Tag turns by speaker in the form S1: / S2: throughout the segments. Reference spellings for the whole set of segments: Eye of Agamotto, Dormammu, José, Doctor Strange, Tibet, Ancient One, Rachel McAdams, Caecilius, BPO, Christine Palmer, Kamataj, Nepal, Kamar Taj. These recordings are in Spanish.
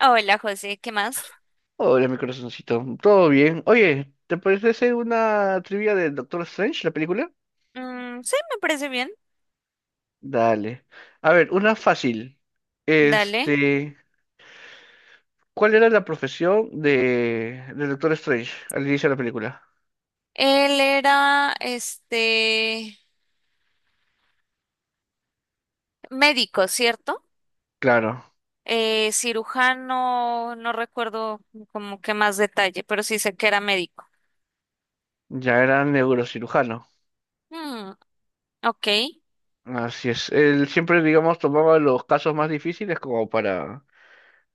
S1: Hola, José, ¿qué más?
S2: Hola, mi corazoncito. ¿Todo bien? Oye, ¿te parece hacer una trivia de Doctor Strange, la película?
S1: Mm, sí, me parece bien.
S2: Dale. A ver, una fácil.
S1: Dale.
S2: Este, ¿Cuál era la profesión de Doctor Strange al inicio de la película?
S1: Él era, médico, ¿cierto?
S2: Claro,
S1: Cirujano, no recuerdo como que más detalle, pero sí sé que era médico.
S2: ya era neurocirujano.
S1: Mm, ok,
S2: Así es. Él siempre, digamos, tomaba los casos más difíciles como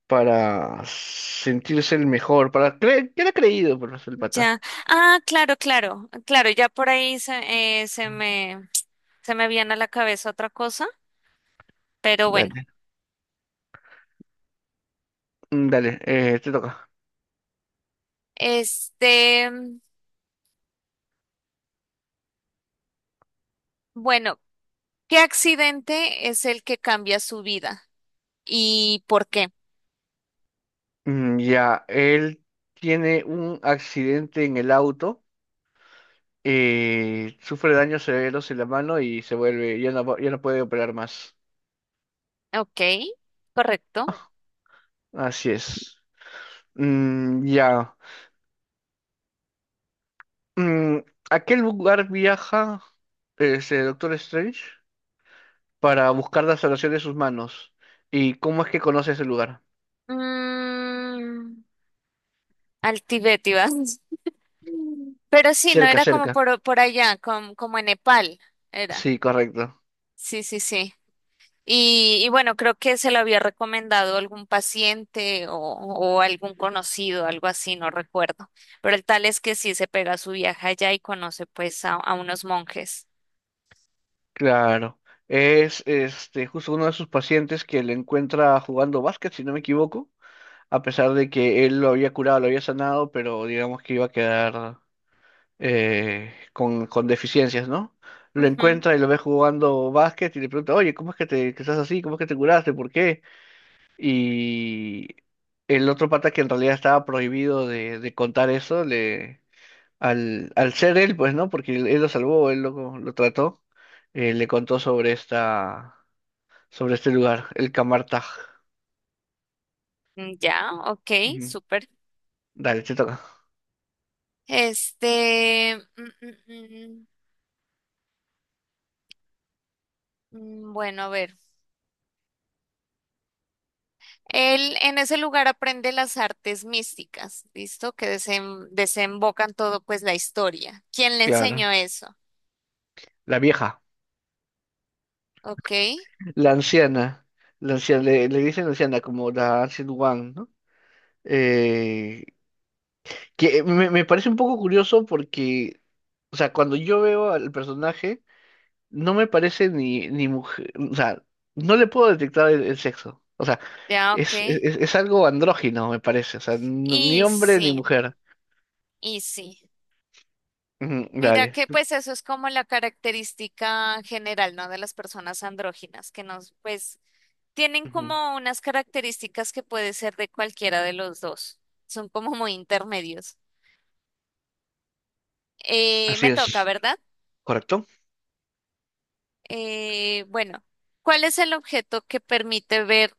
S2: para sentirse el mejor, para creer, que era creído por el pata.
S1: ya. Ah, claro, claro, claro, ya por ahí se, se me viene a la cabeza otra cosa, pero bueno.
S2: Dale. Dale, te toca.
S1: Este, bueno, ¿qué accidente es el que cambia su vida y por qué?
S2: Ya, él tiene un accidente en el auto, sufre daños severos en la mano y se vuelve, ya no, ya no puede operar más.
S1: Ok, correcto.
S2: Así es. Mm, ya. Mm, ¿a qué lugar viaja ese Doctor Strange para buscar la salvación de sus manos? ¿Y cómo es que conoce ese lugar?
S1: Mm, al Tibet ibas. Mm. Pero sí, no
S2: Cerca,
S1: era como
S2: cerca.
S1: por allá, como en Nepal, era.
S2: Sí, correcto.
S1: Sí, sí, sí. Y bueno, creo que se lo había recomendado algún paciente o algún conocido, algo así, no recuerdo. Pero el tal es que sí se pega su viaje allá y conoce pues a unos monjes.
S2: Claro. Es este justo uno de sus pacientes que le encuentra jugando básquet, si no me equivoco, a pesar de que él lo había curado, lo había sanado, pero digamos que iba a quedar con deficiencias, ¿no? Lo
S1: Ujú.
S2: encuentra y lo ve jugando básquet y le pregunta, oye, ¿cómo es que te que estás así? ¿Cómo es que te curaste? ¿Por qué? Y el otro pata que en realidad estaba prohibido de contar eso, le, al, al ser él, pues, ¿no? Porque él lo salvó, él lo trató, le contó sobre esta, sobre este lugar, el Camartag.
S1: Mm, ya, ok,
S2: Ujú.
S1: súper.
S2: Dale, te toca.
S1: Este, mm, mm, bueno, a ver. Él en ese lugar aprende las artes místicas, ¿listo? Que desembocan todo, pues, la historia. ¿Quién le
S2: Claro.
S1: enseñó eso?
S2: La vieja.
S1: Ok,
S2: La anciana, la anciana, le dicen anciana como la Ancient One, ¿no? Eh, que me parece un poco curioso porque, o sea, cuando yo veo al personaje, no me parece ni mujer, o sea, no le puedo detectar el sexo. O sea,
S1: ya, ok.
S2: es algo andrógino, me parece, o sea, ni
S1: Y
S2: hombre ni
S1: sí,
S2: mujer.
S1: y sí.
S2: Ujú,
S1: Mira
S2: dale.
S1: que pues eso es como la característica general, ¿no? De las personas andróginas, que nos, pues, tienen
S2: Ujú.
S1: como unas características que puede ser de cualquiera de los dos. Son como muy intermedios.
S2: Así
S1: Me toca,
S2: es,
S1: ¿verdad?
S2: correcto.
S1: Bueno, ¿cuál es el objeto que permite ver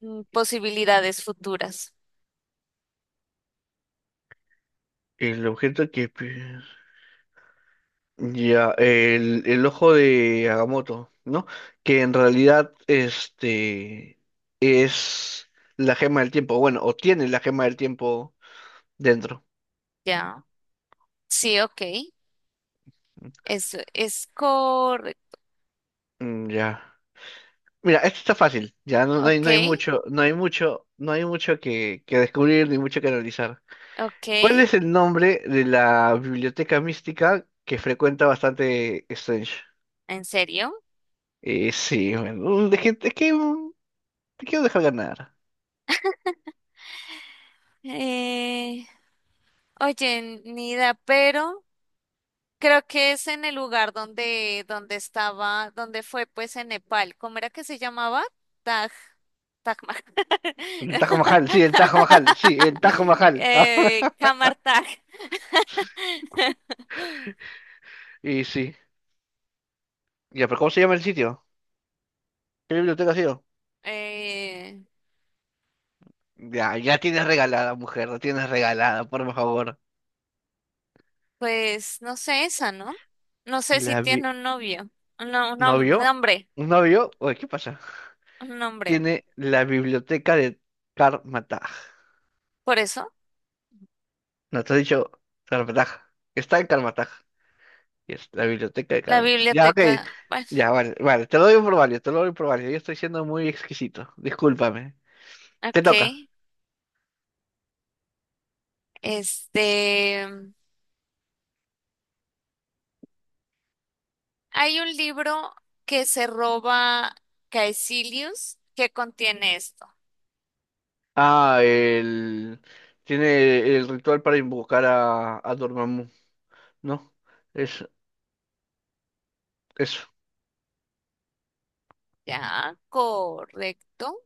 S1: posibilidades futuras?
S2: El objeto que... Ya, el ojo de Agamotto, ¿no? Que en realidad este es la gema del tiempo, bueno, o tiene la gema del tiempo dentro.
S1: Ya, sí, ok, eso es correcto.
S2: Mm, ya. Mira, esto está fácil, ya no, no hay,
S1: Ok,
S2: no hay mucho, no hay mucho, no hay mucho que descubrir ni mucho que analizar.
S1: ok,
S2: ¿Cuál es el nombre de la biblioteca mística que frecuenta bastante Strange?
S1: ¿en serio?
S2: Sí, bueno, te quiero dejar ganar.
S1: Eh, oye, Nida, pero creo que es en el lugar donde, donde estaba, donde fue pues en Nepal. ¿Cómo era que se llamaba? Taj, Taj Mahal.
S2: El Tajo Majal, sí, el Tajo Majal, sí, el Tajo Majal. Ah,
S1: Kamar Taj.
S2: y sí. Ya, pero ¿cómo se llama el sitio? ¿Qué biblioteca ha sido?
S1: Eh,
S2: Ya, ya tienes regalada, mujer, la tienes regalada, por favor.
S1: Pues no sé esa, ¿no? No sé si
S2: La vi...
S1: tiene un novio, un,
S2: ¿No
S1: un
S2: vio?
S1: hombre,
S2: ¿No vio? Oye, ¿qué pasa?
S1: un hombre.
S2: Tiene la biblioteca de Karmataj.
S1: Por eso,
S2: No te he dicho Karmataj. Está en Karmataj. Y es la biblioteca de
S1: la
S2: Karmataj. Ya, ok.
S1: biblioteca, bueno,
S2: Ya, vale, vale. Te lo doy por válido, te lo doy por válido. Yo estoy siendo muy exquisito. Discúlpame. Te
S1: ok.
S2: toca.
S1: Este, Hay un libro que se roba Caecilius que contiene esto.
S2: Ah, el... Tiene el ritual para invocar a Dormammu, ¿no? Es eso.
S1: Ya, correcto.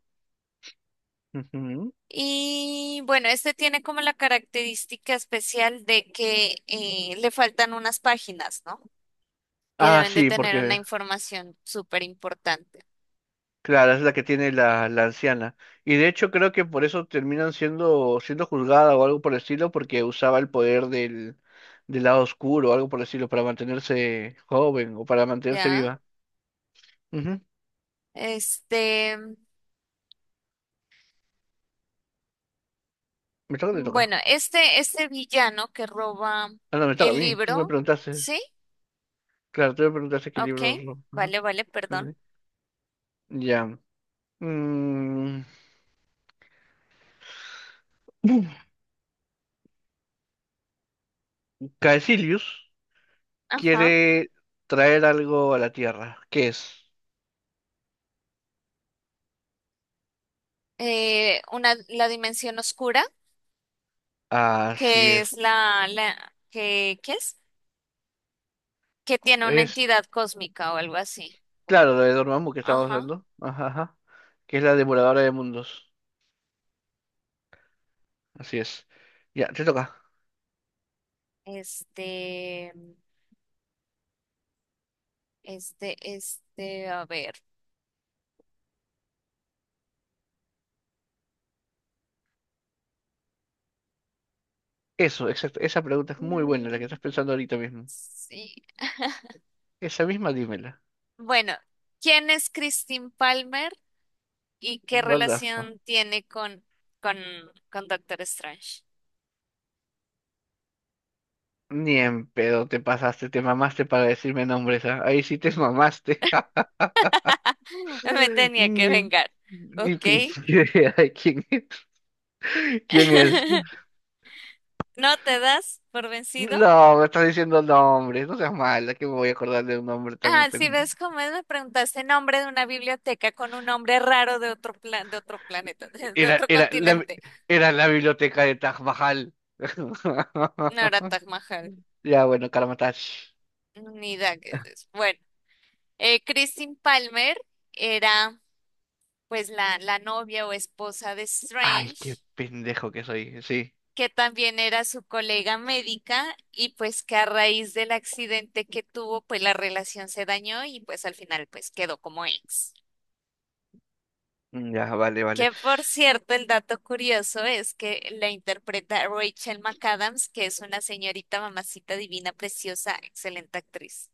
S2: Ujú.
S1: Y bueno, este tiene como la característica especial de que le faltan unas páginas, ¿no? Que
S2: Ah,
S1: deben de
S2: sí,
S1: tener una
S2: porque,
S1: información súper importante.
S2: claro, es la que tiene la, la anciana. Y de hecho creo que por eso terminan siendo juzgada o algo por el estilo, porque usaba el poder del, del lado oscuro o algo por el estilo para mantenerse joven o para mantenerse
S1: Ya,
S2: viva. Ujú.
S1: este,
S2: Me toca, o te
S1: bueno,
S2: toca.
S1: este villano que roba
S2: Ah, no, me toca a
S1: el
S2: mí. Tú me
S1: libro,
S2: preguntaste.
S1: ¿sí?
S2: Claro, tú me preguntaste qué
S1: Ok,
S2: libro. Es lo- ajá.
S1: vale, vale, perdón.
S2: Ya. Mm. Caecilius
S1: Ajá.
S2: quiere traer algo a la Tierra. ¿Qué es?
S1: Una, la dimensión oscura,
S2: Así
S1: que es
S2: es.
S1: ¿qué es? Que tiene una
S2: Es,
S1: entidad cósmica o algo así. Como,
S2: claro, lo de Dormammu que estábamos
S1: ajá.
S2: hablando. Ajá, ajá. Que es la devoradora de mundos. Así es. Ya, te toca.
S1: Este, este, a ver.
S2: Eso, exacto. Esa pregunta es muy buena, la que estás
S1: Mm,
S2: pensando ahorita mismo.
S1: sí.
S2: Esa misma, dímela.
S1: Bueno, ¿quién es Christine Palmer? ¿Y qué
S2: What the fuck.
S1: relación tiene con, con Doctor Strange?
S2: Ni en pedo te pasaste, te mamaste para decirme nombres, ¿ah? Ahí sí te mamaste.
S1: Me tenía que
S2: Ni,
S1: vengar.
S2: ni
S1: Ok.
S2: pinche idea de quién, quién es.
S1: ¿No te das por vencido?
S2: No, me estás diciendo nombres, no seas mala, que me voy a acordar de un nombre tan...
S1: Ah, si
S2: pen-.
S1: ves cómo es, me preguntaste nombre de una biblioteca con un nombre raro de de otro planeta, de
S2: Era,
S1: otro
S2: era, la,
S1: continente.
S2: era la biblioteca de Taj Mahal.
S1: No era Taj Mahal,
S2: Ya, bueno, Karamatash.
S1: ni Daggett. Bueno, Christine Palmer era pues la novia o esposa de
S2: Ay, qué
S1: Strange,
S2: pendejo que soy, sí.
S1: que también era su colega médica y pues que a raíz del accidente que tuvo, pues la relación se dañó y pues al final pues quedó como ex.
S2: Mm, ya, vale, vale.
S1: Que por cierto, el dato curioso es que la interpreta Rachel McAdams, que es una señorita mamacita divina, preciosa, excelente actriz.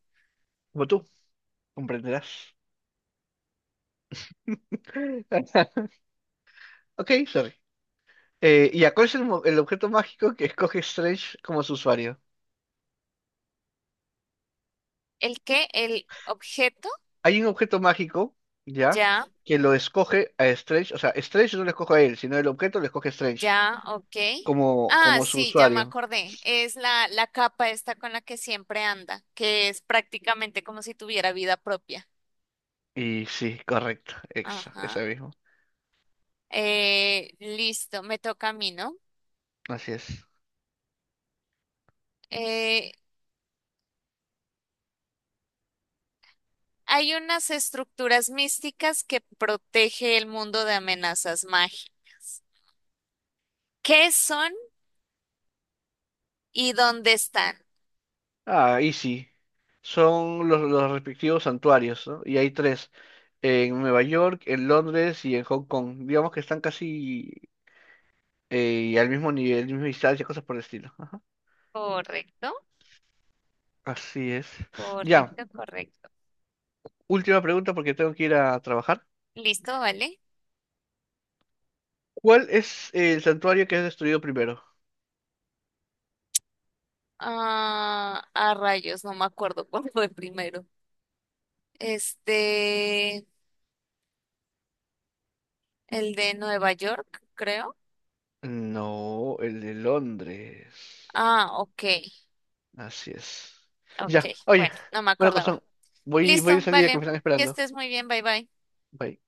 S2: Como tú, comprenderás. Ok, sorry. Ya, ¿cuál es el, el objeto mágico que escoge Strange como su usuario?
S1: ¿El qué? ¿El objeto?
S2: Hay un objeto mágico, ya,
S1: Ya,
S2: que lo escoge a Strange, o sea, Strange no lo escoge a él, sino el objeto lo escoge Strange,
S1: ya, ok.
S2: como,
S1: Ah,
S2: como su
S1: sí, ya me
S2: usuario.
S1: acordé. Es la capa esta con la que siempre anda, que es prácticamente como si tuviera vida propia.
S2: Y sí, correcto, exa,
S1: Ajá.
S2: ese mismo.
S1: Listo, me toca a mí, ¿no?
S2: Así es.
S1: Eh, hay unas estructuras místicas que protege el mundo de amenazas mágicas. ¿Qué son y dónde están?
S2: Ah, y sí. Son los respectivos santuarios, ¿no? Y hay 3, en Nueva York, en Londres y en Hong Kong. Digamos que están casi al mismo nivel, misma distancia, cosas por el estilo. Ajá.
S1: Correcto,
S2: Así es. Ya,
S1: correcto, correcto.
S2: última pregunta porque tengo que ir a trabajar.
S1: Listo, vale.
S2: ¿Cuál es el santuario que es destruido primero?
S1: Ah, a rayos, no me acuerdo cuál fue primero. Este, el de Nueva York, creo.
S2: No, el de Londres.
S1: Ah, ok,
S2: Así es.
S1: ok.
S2: Ya, oye,
S1: Bueno, no me
S2: bueno,
S1: acordaba.
S2: corazón, voy de
S1: Listo,
S2: salida que me
S1: vale.
S2: están
S1: Que
S2: esperando.
S1: estés muy bien, bye bye.
S2: Bye.